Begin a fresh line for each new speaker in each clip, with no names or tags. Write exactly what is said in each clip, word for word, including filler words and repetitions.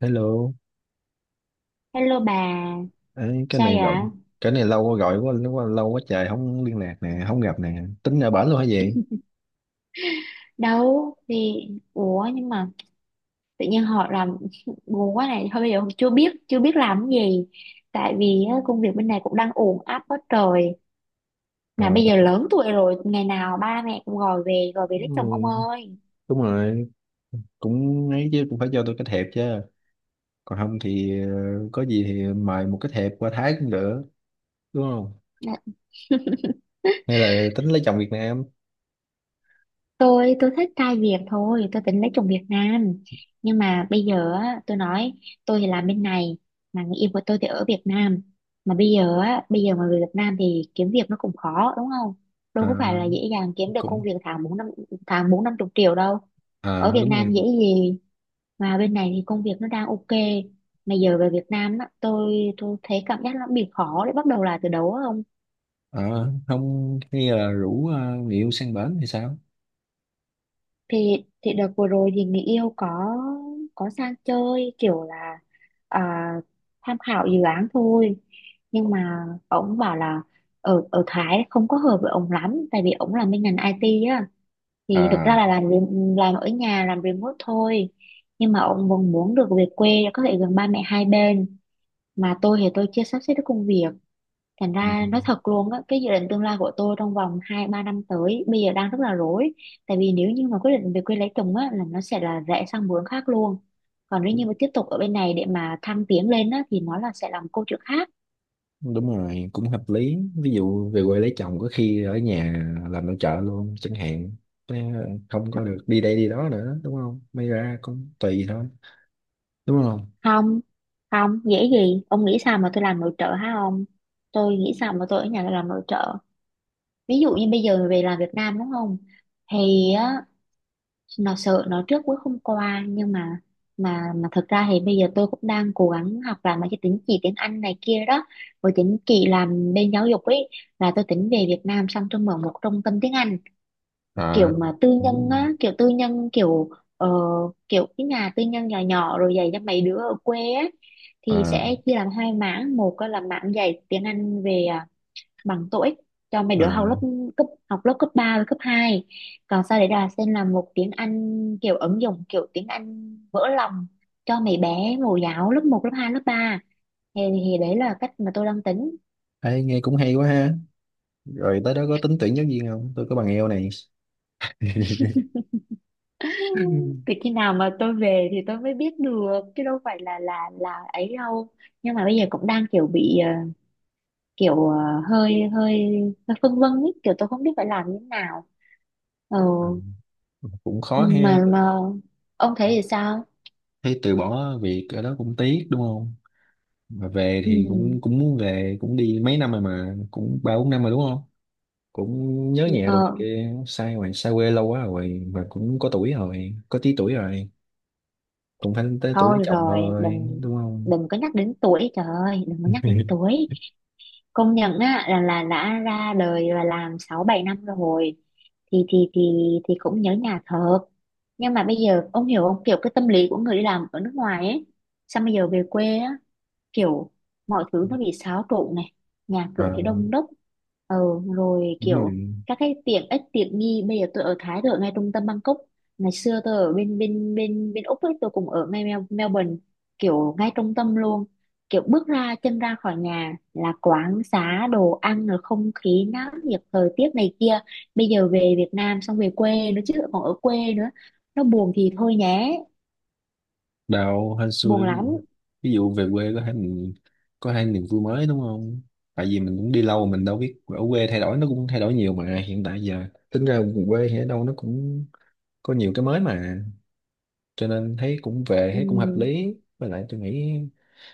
Hello,
Hello bà,
ấy, cái
sao
này rộng,
vậy?
cái này lâu quá gọi quá, quá lâu quá trời không liên lạc nè, không gặp nè, tính ở bển luôn hả vậy?
Đâu thì ủa nhưng mà tự nhiên họ làm buồn quá này, thôi bây giờ chưa biết chưa biết làm cái gì. Tại vì á, công việc bên này cũng đang ùn áp quá trời.
Ờ,
Mà bây giờ lớn tuổi rồi, ngày nào ba mẹ cũng gọi về gọi về
ừ,
lấy chồng ông ơi.
đúng rồi, cũng ấy chứ cũng phải cho tôi cái thiệp chứ, còn không thì ờ, có gì thì mời một cái thiệp qua Thái cũng được, đúng không? Hay là tính lấy chồng Việt Nam,
tôi tôi thích trai Việt thôi, tôi tính lấy chồng Việt Nam, nhưng mà bây giờ á, tôi nói tôi thì làm bên này, mà người yêu của tôi thì ở Việt Nam. Mà bây giờ á, bây giờ mà người Việt Nam thì kiếm việc nó cũng khó, đúng không?
Ờ,
Đâu có phải là dễ dàng kiếm được công
cũng,
việc tháng bốn năm tháng bốn năm chục triệu đâu, ở
à
Việt
đúng rồi.
Nam dễ gì. Mà bên này thì công việc nó đang ok, mà giờ về Việt Nam á, tôi tôi thấy cảm giác nó bị khó để bắt đầu lại từ đầu á ông.
Ờ, không, hay là rủ ờ, người yêu sang bển thì sao?
Thì thì đợt vừa rồi thì người yêu có có sang chơi, kiểu là à, tham khảo dự án thôi, nhưng mà ổng bảo là ở ở Thái không có hợp với ổng lắm, tại vì ổng làm bên ngành i tê á, thì thực ra
À,
là làm re- làm ở nhà, làm remote thôi. Nhưng mà ổng vẫn muốn được về quê để có thể gần ba mẹ hai bên, mà tôi thì tôi chưa sắp xếp được công việc. Thành
ừ.
ra nói thật luôn á, cái dự định tương lai của tôi trong vòng hai ba năm tới bây giờ đang rất là rối. Tại vì nếu như mà quyết định về quê lấy chồng á, là nó sẽ là rẽ sang hướng khác luôn. Còn nếu như mà tiếp tục ở bên này để mà thăng tiến lên á, thì nó là sẽ làm câu chuyện khác.
Đúng rồi, cũng hợp lý. Ví dụ về quê lấy chồng có khi ở nhà làm nội trợ luôn chẳng hạn. Thế không có được đi đây đi đó nữa, đúng không? May ra cũng tùy thôi, đúng không?
Không, không, dễ gì. Ông nghĩ sao mà tôi làm nội trợ hả ông? Tôi nghĩ sao mà tôi ở nhà làm nội trợ. Ví dụ như bây giờ về làm Việt Nam đúng không? Thì á, nó sợ nó trước cuối không qua, nhưng mà mà mà thực ra thì bây giờ tôi cũng đang cố gắng học làm mấy cái tín chỉ tiếng Anh này kia đó, với tín chỉ làm bên giáo dục ấy, là tôi tính về Việt Nam xong tôi mở một trung tâm tiếng Anh, kiểu
À
mà tư nhân
đúng.
á, kiểu tư nhân, kiểu ờ, kiểu cái nhà tư nhân nhỏ nhỏ rồi dạy cho mấy đứa ở quê á. Thì
À,
sẽ chia làm hai mảng, một á là mảng dạy tiếng Anh về à, bằng TOEIC cho mấy đứa học lớp
à.
cấp, học lớp cấp ba và cấp hai. Còn sau đấy là xem là một tiếng Anh kiểu ứng dụng, kiểu tiếng Anh vỡ lòng cho mấy bé mẫu giáo lớp một lớp hai lớp ba. Thì, thì đấy là cách mà tôi đang tính.
Ê, nghe cũng hay quá ha, rồi tới đó có tính tuyển giáo viên không, tôi có bằng eo này.
Từ khi nào mà tôi về thì tôi mới biết được chứ đâu phải là là là ấy đâu. Nhưng mà bây giờ cũng đang kiểu bị ờ, kiểu ờ, hơi hơi hơi phân vân ấy, kiểu tôi không biết phải làm như thế nào. ờ
Ừ. À, cũng
ừ,
khó ha,
mà mà ông thấy thì sao?
thấy từ bỏ việc ở đó cũng tiếc đúng không, mà về
Ừ,
thì cũng cũng muốn về, cũng đi mấy năm rồi mà cũng ba bốn năm rồi đúng không, cũng nhớ nhà rồi, này
ờ,
kia sai rồi, xa quê lâu quá rồi và cũng có tuổi rồi, có tí tuổi rồi, cũng phải tới tuổi lấy
thôi
chồng
rồi,
thôi
đừng,
đúng không.
đừng có nhắc đến tuổi, trời ơi, đừng có nhắc đến tuổi. Công nhận á là là đã ra đời và làm sáu bảy năm rồi, thì thì thì thì cũng nhớ nhà thật. Nhưng mà bây giờ ông hiểu không, kiểu cái tâm lý của người đi làm ở nước ngoài ấy, sao bây giờ về quê á, kiểu mọi thứ nó bị xáo trộn này, nhà cửa thì
À,
đông đúc, ờ, rồi
đúng
kiểu
rồi.
các cái tiện ích tiện nghi. Bây giờ tôi ở Thái, tôi ở ngay trung tâm Bangkok, ngày xưa tôi ở bên bên bên bên Úc ấy, tôi cũng ở ngay Mel- Melbourne, kiểu ngay trung tâm luôn, kiểu bước ra chân ra khỏi nhà là quán xá đồ ăn rồi không khí náo nhiệt, thời tiết này kia. Bây giờ về Việt Nam xong về quê nữa chứ, còn ở quê nữa nó buồn thì thôi nhé,
Đào hên
buồn
xui.
lắm.
Ví dụ về quê có hai mình, có hai niềm vui mới đúng không, tại vì mình cũng đi lâu mình đâu biết ở quê thay đổi, nó cũng thay đổi nhiều mà hiện tại giờ tính ra quê thì ở đâu nó cũng có nhiều cái mới mà, cho nên thấy cũng về thấy cũng hợp
Ừ,
lý. Với lại tôi nghĩ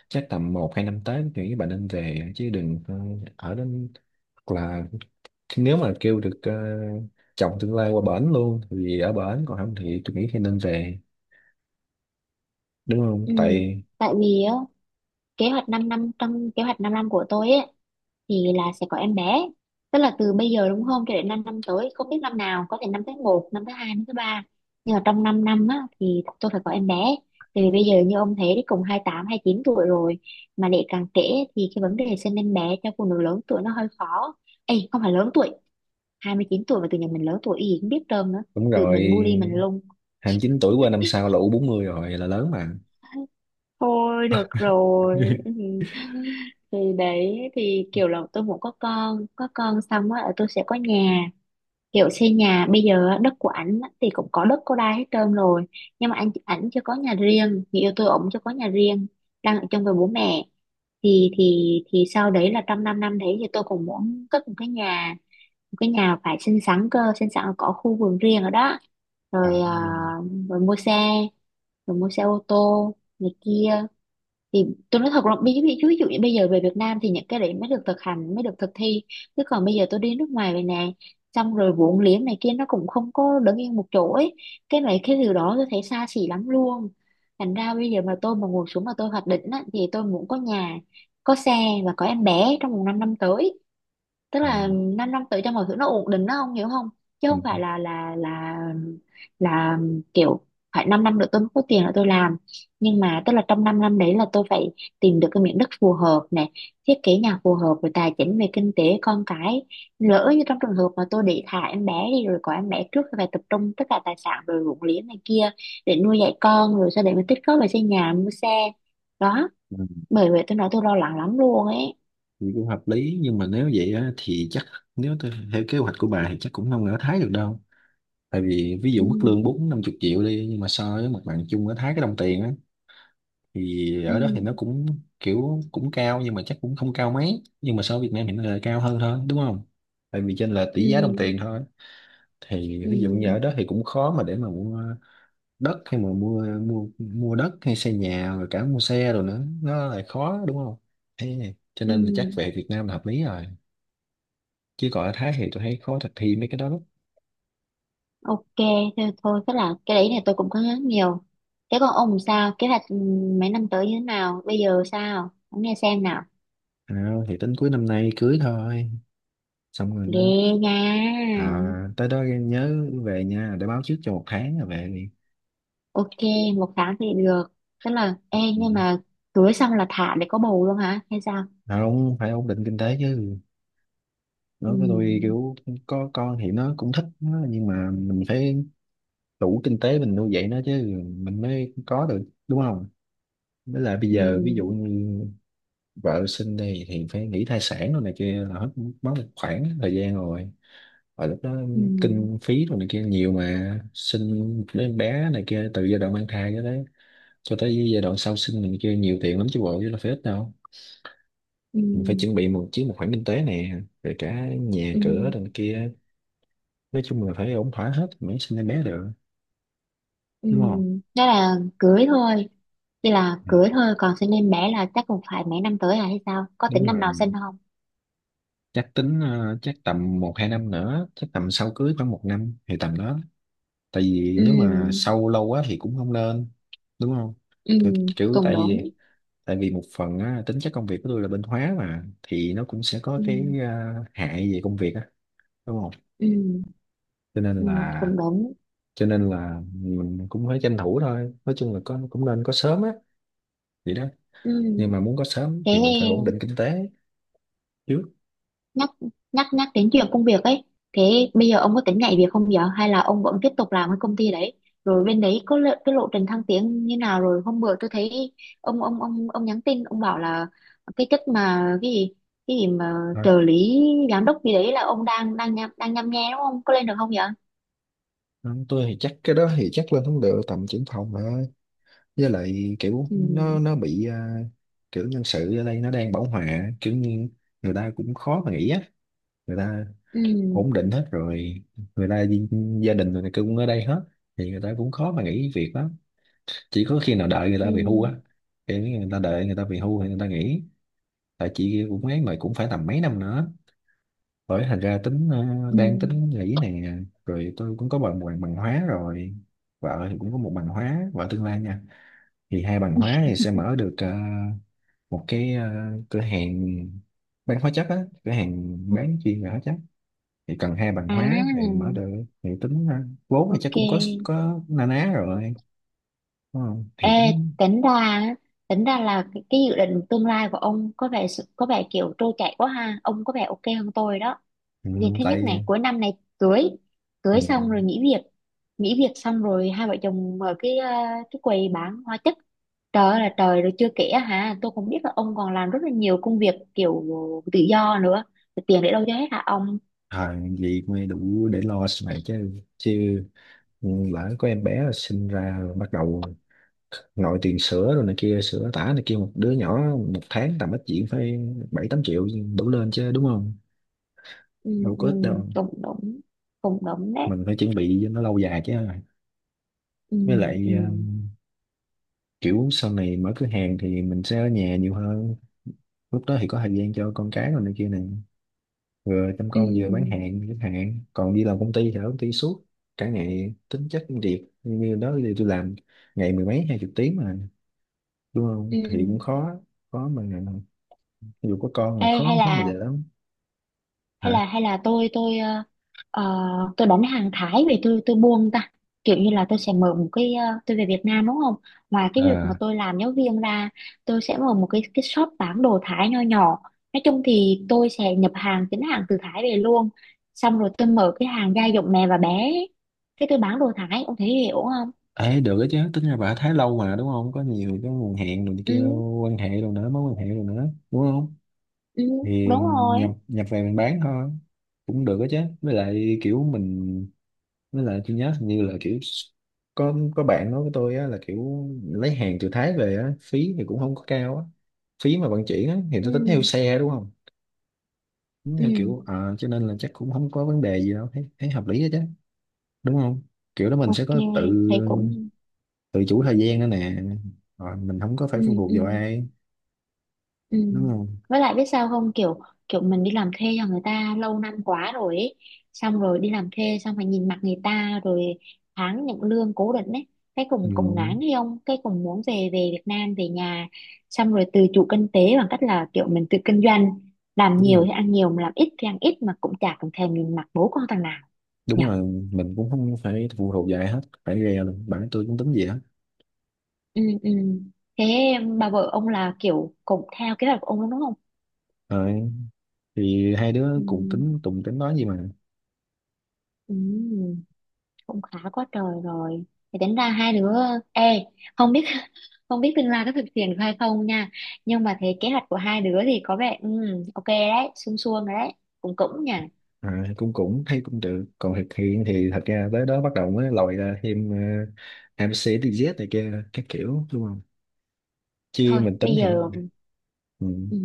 chắc tầm một hai năm tới thì các bạn nên về chứ đừng ờ, ở đến, hoặc là nếu mà kêu được ờ, chồng tương lai qua bển luôn thì ở bển, còn không thì tôi nghĩ thì nên về, đúng không.
ừ.
Tại
Tại vì á, kế hoạch 5 năm, trong kế hoạch 5 năm của tôi ấy, thì là sẽ có em bé. Tức là từ bây giờ đúng không, cho đến 5 năm tới, không biết năm nào, có thể năm tới, một năm tới, hai năm tới ba, nhưng mà trong 5 năm á, thì tôi phải có em bé. Tại vì bây giờ như ông thấy đấy, cùng hai tám, hai chín tuổi rồi, mà để càng trễ thì cái vấn đề sinh em bé cho phụ nữ lớn tuổi nó hơi khó. Ê, không phải lớn tuổi, hai mươi chín tuổi mà tự nhiên mình lớn tuổi gì cũng biết trơn nữa,
đúng
tự
rồi,
mình bully mình luôn.
hai mươi chín tuổi qua năm sau là u bốn mươi rồi là lớn mà.
Thôi được rồi. Ừ. Thì đấy, thì kiểu là tôi muốn có con, có con xong á, ờ, tôi sẽ có nhà, kiểu xây nhà. Bây giờ á, đất của ảnh á, thì cũng có đất có đai hết trơn rồi, nhưng mà anh ảnh chưa có nhà riêng, người yêu tôi ổng chưa có nhà riêng, đang ở chung với bố mẹ. Thì thì thì sau đấy là trong 5 năm năm đấy thì tôi cũng muốn cất một cái nhà, một cái nhà phải xinh xắn cơ, xinh xắn là có khu vườn riêng ở đó,
À,
rồi à, rồi mua xe rồi mua xe ô tô này kia. Thì tôi nói thật là ví ví- ví dụ như bây giờ về Việt Nam thì những cái đấy mới được thực hành, mới được thực thi, chứ còn bây giờ tôi đi nước ngoài về nè, xong rồi vốn liếng này kia nó cũng không có đứng yên một chỗ ấy, cái này cái điều đó tôi thấy xa xỉ lắm luôn. Thành ra bây giờ mà tôi mà ngồi xuống mà tôi hoạch định á, thì tôi muốn có nhà, có xe và có em bé trong vòng 5 năm năm tới, tức
à,
là 5 năm năm tới cho mọi thứ nó ổn định nó, không hiểu không? Chứ
ừ,
không phải là là là là kiểu phải 5 năm năm nữa tôi mới có tiền là tôi làm, nhưng mà tức là trong 5 năm năm đấy là tôi phải tìm được cái miếng đất phù hợp này, thiết kế nhà phù hợp, rồi tài chính về kinh tế, con cái. Lỡ như trong trường hợp mà tôi để thả em bé đi, rồi có em bé trước, thì phải tập trung tất cả tài sản rồi ruộng liếng này kia để nuôi dạy con, rồi sau đấy mới tích góp về xây nhà mua xe đó.
ừ,
Bởi vậy tôi nói tôi lo lắng lắm luôn ấy.
thì cũng hợp lý nhưng mà nếu vậy á, thì chắc nếu tôi theo kế hoạch của bà thì chắc cũng không ở Thái được đâu. Tại vì ví dụ mức
Ừ,
lương bốn năm chục triệu đi, nhưng mà so với mặt bằng chung ở Thái, cái đồng tiền á, thì ở
ừ,
đó thì nó cũng kiểu cũng cao, nhưng mà chắc cũng không cao mấy, nhưng mà so với Việt Nam hiện nay là cao hơn thôi đúng không, tại vì trên là
ừ.
tỷ giá đồng tiền thôi. Thì
Ừ,
ví dụ như ở đó thì cũng khó mà để mà mua đất, hay mà mua mua mua đất hay xây nhà rồi cả mua xe rồi nữa nó lại khó đúng không, thế cho
ừ,
nên là chắc về Việt Nam là hợp lý rồi, chứ còn ở Thái thì tôi thấy khó thực thi mấy cái đó lắm.
ok, thế thôi, tức là cái đấy này tôi cũng có nhớ nhiều. Thế còn ông sao, kế hoạch ừ, mấy năm tới như thế nào bây giờ, sao ông nghe xem nào.
À, thì tính cuối năm nay cưới thôi, xong rồi nó.
Ghê nha.
À, tới đó nhớ về nha, để báo trước cho một tháng là về đi.
Ok, một tháng thì được, tức là ê
Ừ.
nhưng mà cưới xong là thả để có bầu luôn hả hay sao?
Không, phải ổn định kinh tế chứ, nói với tôi
Ừ,
kiểu có con thì nó cũng thích nó, nhưng mà mình phải đủ kinh tế mình nuôi dạy nó chứ, mình mới có được đúng không. Với lại bây
ừ,
giờ ví dụ như vợ sinh đi thì phải nghĩ thai sản rồi này kia là hết mất một khoảng thời gian rồi, và lúc đó
ừ,
kinh phí rồi này kia nhiều, mà sinh một đứa em bé này kia từ giai đoạn mang thai cho tới cho tới giai đoạn sau sinh này kia nhiều tiền lắm chứ bộ, chứ là phải ít đâu.
ừ,
Mình phải chuẩn bị một chứ một khoản kinh tế nè rồi cả nhà cửa
ừ,
đằng kia, nói chung là phải ổn thỏa hết mới sinh em bé được,
ừ.
đúng không.
Đó là cưới thôi, chỉ là
Ờ,
cưới thôi, còn sinh em bé là chắc cũng phải mấy năm tới à hay sao, có tính
đúng
năm
rồi,
nào sinh không?
chắc tính ờ, chắc tầm một hai năm nữa, chắc tầm sau cưới khoảng một năm thì tầm đó, tại vì
Ừ.
nếu mà sau lâu quá thì cũng không nên đúng không.
Ừ.
Kiểu, kiểu
Cũng
tại vì
đúng.
tại vì một phần á, tính chất công việc của tôi là bên hóa mà, thì nó cũng sẽ có cái
Ừ.
à, hại về công việc á, đúng không,
Ừ.
cho nên
Ừ.
là
Cũng đúng.
cho nên là mình cũng phải tranh thủ thôi, nói chung là có cũng nên có sớm á, vậy đó.
Ừ.
Nhưng mà muốn có sớm
Thế,
thì mình phải ổn định kinh tế trước.
nhắc nhắc nhắc đến chuyện công việc ấy, thế bây giờ ông có tính nhảy việc không giờ, hay là ông vẫn tiếp tục làm cái công ty đấy? Rồi bên đấy có lộ, cái lộ trình thăng tiến như nào? Rồi hôm bữa tôi thấy ông ông ông ông nhắn tin, ông bảo là cái chức mà cái gì, cái gì mà
À.
trợ lý giám đốc gì đấy là ông đang đang nhăm, đang nhăm nhe, đúng không? Có lên được không vậy?
Tôi thì chắc cái đó thì chắc lên không được, tầm trưởng phòng mà. Với lại kiểu
Ừ.
nó nó bị à, kiểu nhân sự ở đây nó đang bão hòa, kiểu như người ta cũng khó mà nghĩ á, người ta
Ừ.
ổn định hết rồi, người ta gi- gia đình rồi này kia cũng ở đây hết, thì người ta cũng khó mà nghỉ việc lắm, chỉ có khi nào đợi người ta
Ừ.
về hưu á, kiểu như người ta đợi người ta về hưu thì người ta nghỉ. Tại chị cũng ấy mà, cũng phải tầm mấy năm nữa, bởi thành ra tính ờ,
Ừ.
đang tính nghỉ nè. Rồi tôi cũng có bằng bằng, bằng hóa rồi, vợ thì cũng có một bằng hóa, vợ tương lai nha, thì hai bằng hóa thì sẽ mở được ờ, một cái ờ, cửa hàng bán hóa chất á, cửa hàng bán chuyên về hóa chất, thì cần hai bằng
À.
hóa thì mở được. Thì tính ờ, vốn thì chắc
Ok.
cũng có có na ná rồi, đúng không
Ê,
thì tính.
tính ra á, tính ra là cái, cái dự định tương lai của ông có vẻ sự- có vẻ kiểu trôi chảy quá ha, ông có vẻ ok hơn tôi đó.
Ừ,
Việc thứ nhất
tại
này, cuối năm này cưới,
ừ,
cưới xong rồi nghỉ việc, nghỉ việc xong rồi hai vợ chồng mở cái ờ, cái quầy bán hóa chất. Trời ơi là trời, rồi chưa kể á hả, tôi cũng biết là ông còn làm rất là nhiều công việc kiểu tự do nữa. Thì tiền để đâu cho hết hả ông?
thời vậy mới đủ để lo sau này chứ, chứ lỡ có em bé sinh ra rồi bắt đầu nội tiền sữa rồi này kia, sữa tã này kia, một đứa nhỏ một tháng tầm ít chuyện phải bảy tám triệu, đủ lên chứ đúng không,
Ừ,
đâu
ừ,
có ít đâu.
cũng đúng, cũng đúng đấy.
Mình phải chuẩn bị cho nó lâu dài chứ.
Ừ,
Với lại
ừ,
ờ, kiểu sau này mở cửa hàng thì mình sẽ ở nhà nhiều hơn, lúc đó thì có thời gian cho con cái rồi này kia này, vừa chăm
ừ,
con vừa bán hàng chẳng hạn, còn đi làm công ty thì ở công ty suốt cả ngày, tính chất công việc như đó thì tôi làm ngày mười mấy hai chục tiếng mà, đúng không
ừ.
thì cũng khó, khó mà, dù có con thì
Ê, hay
khó, khó mà dễ
là
lắm. Hả?
hay là hay là tôi tôi ờ, ờ, tôi đánh hàng Thái về, tôi tôi buông ta, kiểu như là tôi sẽ mở một cái ờ, tôi về Việt Nam đúng không, ngoài cái việc mà
À.
tôi làm giáo viên ra, tôi sẽ mở một cái cái shop bán đồ Thái nho nhỏ. Nói chung thì tôi sẽ nhập hàng chính hàng từ Thái về luôn, xong rồi tôi mở cái hàng gia dụng mẹ và bé, cái tôi bán đồ Thái, ông thấy hiểu không?
Ê được đó chứ, tính ra bà Thái lâu mà đúng không, có nhiều cái nguồn hẹn rồi này
Ừ.
kia, quan hệ rồi nữa, mối quan hệ rồi nữa đúng không,
Ừ.
thì
Đúng
nhập
rồi.
nhập về mình bán thôi, cũng được đó chứ. Với lại kiểu mình, với lại tôi nhớ hình như là kiểu có có bạn nói với tôi á, là kiểu lấy hàng từ Thái về á, phí thì cũng không có cao á, phí mà vận chuyển á, thì tôi tính theo
Ừ.
xe đúng không, tính theo kiểu
Ừ.
à, cho nên là chắc cũng không có vấn đề gì đâu, thấy, thấy hợp lý đó chứ, đúng không. Kiểu đó mình sẽ
Ok,
có tự,
thầy cũng
tự chủ thời gian nữa nè, rồi mình không có phải
ừ
phụ thuộc
ừ.
vào ai,
Ừ.
đúng không.
Với lại biết sao không, kiểu kiểu mình đi làm thuê cho người ta lâu năm quá rồi ấy. Xong rồi đi làm thuê xong phải nhìn mặt người ta rồi, tháng nhận lương cố định ấy, cái
Ừ,
cùng cùng ngán hay không, cái cùng muốn về về Việt Nam về nhà, xong rồi tự chủ kinh tế bằng cách là kiểu mình tự kinh doanh, làm
đúng rồi.
nhiều thì ăn nhiều mà làm ít thì ăn ít, mà cũng chả cần thèm nhìn mặt bố con thằng nào,
Đúng
nhỉ?
là mình cũng không phải phụ thuộc vào ai hết, phải ghe luôn bản tôi cũng tính gì hết.
Ừ, ừ. Thế bà vợ ông là kiểu cũng theo kế hoạch của ông luôn đúng không?
Rồi thì hai
Ừ,
đứa cùng tính, cùng tính nói gì mà.
ừ. Cũng khá quá trời rồi. Thì tính ra hai đứa, ê, không biết không biết tương lai có thực hiện được hay không nha, nhưng mà thấy kế hoạch của hai đứa thì có vẻ ừ, ok đấy, suông suông rồi đấy, cũng cũng nha.
À, cũng cũng thấy cũng được, còn thực hiện thì thật ra tới đó bắt đầu mới lòi ra thêm uh, em xê đê dét này kia các kiểu, đúng không, chứ
Thôi
mình tính
bây
thì nó.
giờ
Ừ,
ừ,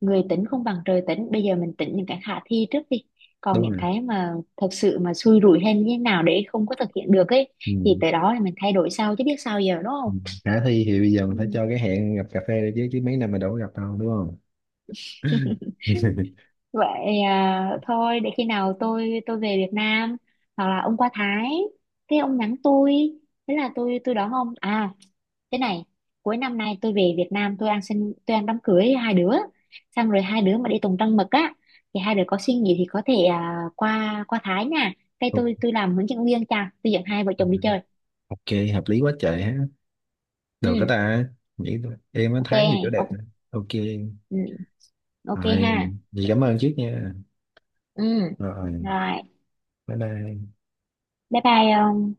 người tính không bằng trời tính, bây giờ mình tính những cái khả thi trước đi, còn
đúng
những
rồi.
cái mà thật sự mà xui rủi hay như thế nào để không có thực hiện được ấy, thì
Ừ.
tới đó thì mình thay đổi sau chứ biết sao giờ, đúng không?
Ừ. Khả thi thì bây giờ mình phải cho cái hẹn gặp cà phê đi chứ, chứ mấy năm mà đâu có gặp đâu đúng không.
Ừ. Vậy à, thôi để khi nào tôi tôi về Việt Nam, hoặc là ông qua Thái thế ông nhắn tôi, thế là tôi tôi đón ông à. Thế này, cuối năm nay tôi về Việt Nam tôi ăn sinh, tôi ăn đám cưới hai đứa, xong rồi hai đứa mà đi tùng trăng mật á, thì hai đứa có suy nghĩ thì có thể à, qua qua Thái nha, cái
Ok,
tôi tôi làm hướng dẫn viên, cha tôi dẫn hai vợ chồng đi chơi.
ok, hợp lý quá trời ha.
Ừ.
Được cái ta nghĩ thôi. Em mới
Ok.
thấy nhiều kiểu đẹp
Ok,
nè. Ok.
ừ, ok
Rồi,
ha.
vậy cảm ơn trước nha.
Ừ.
Rồi.
Rồi.
Bye bye.
Bye bye.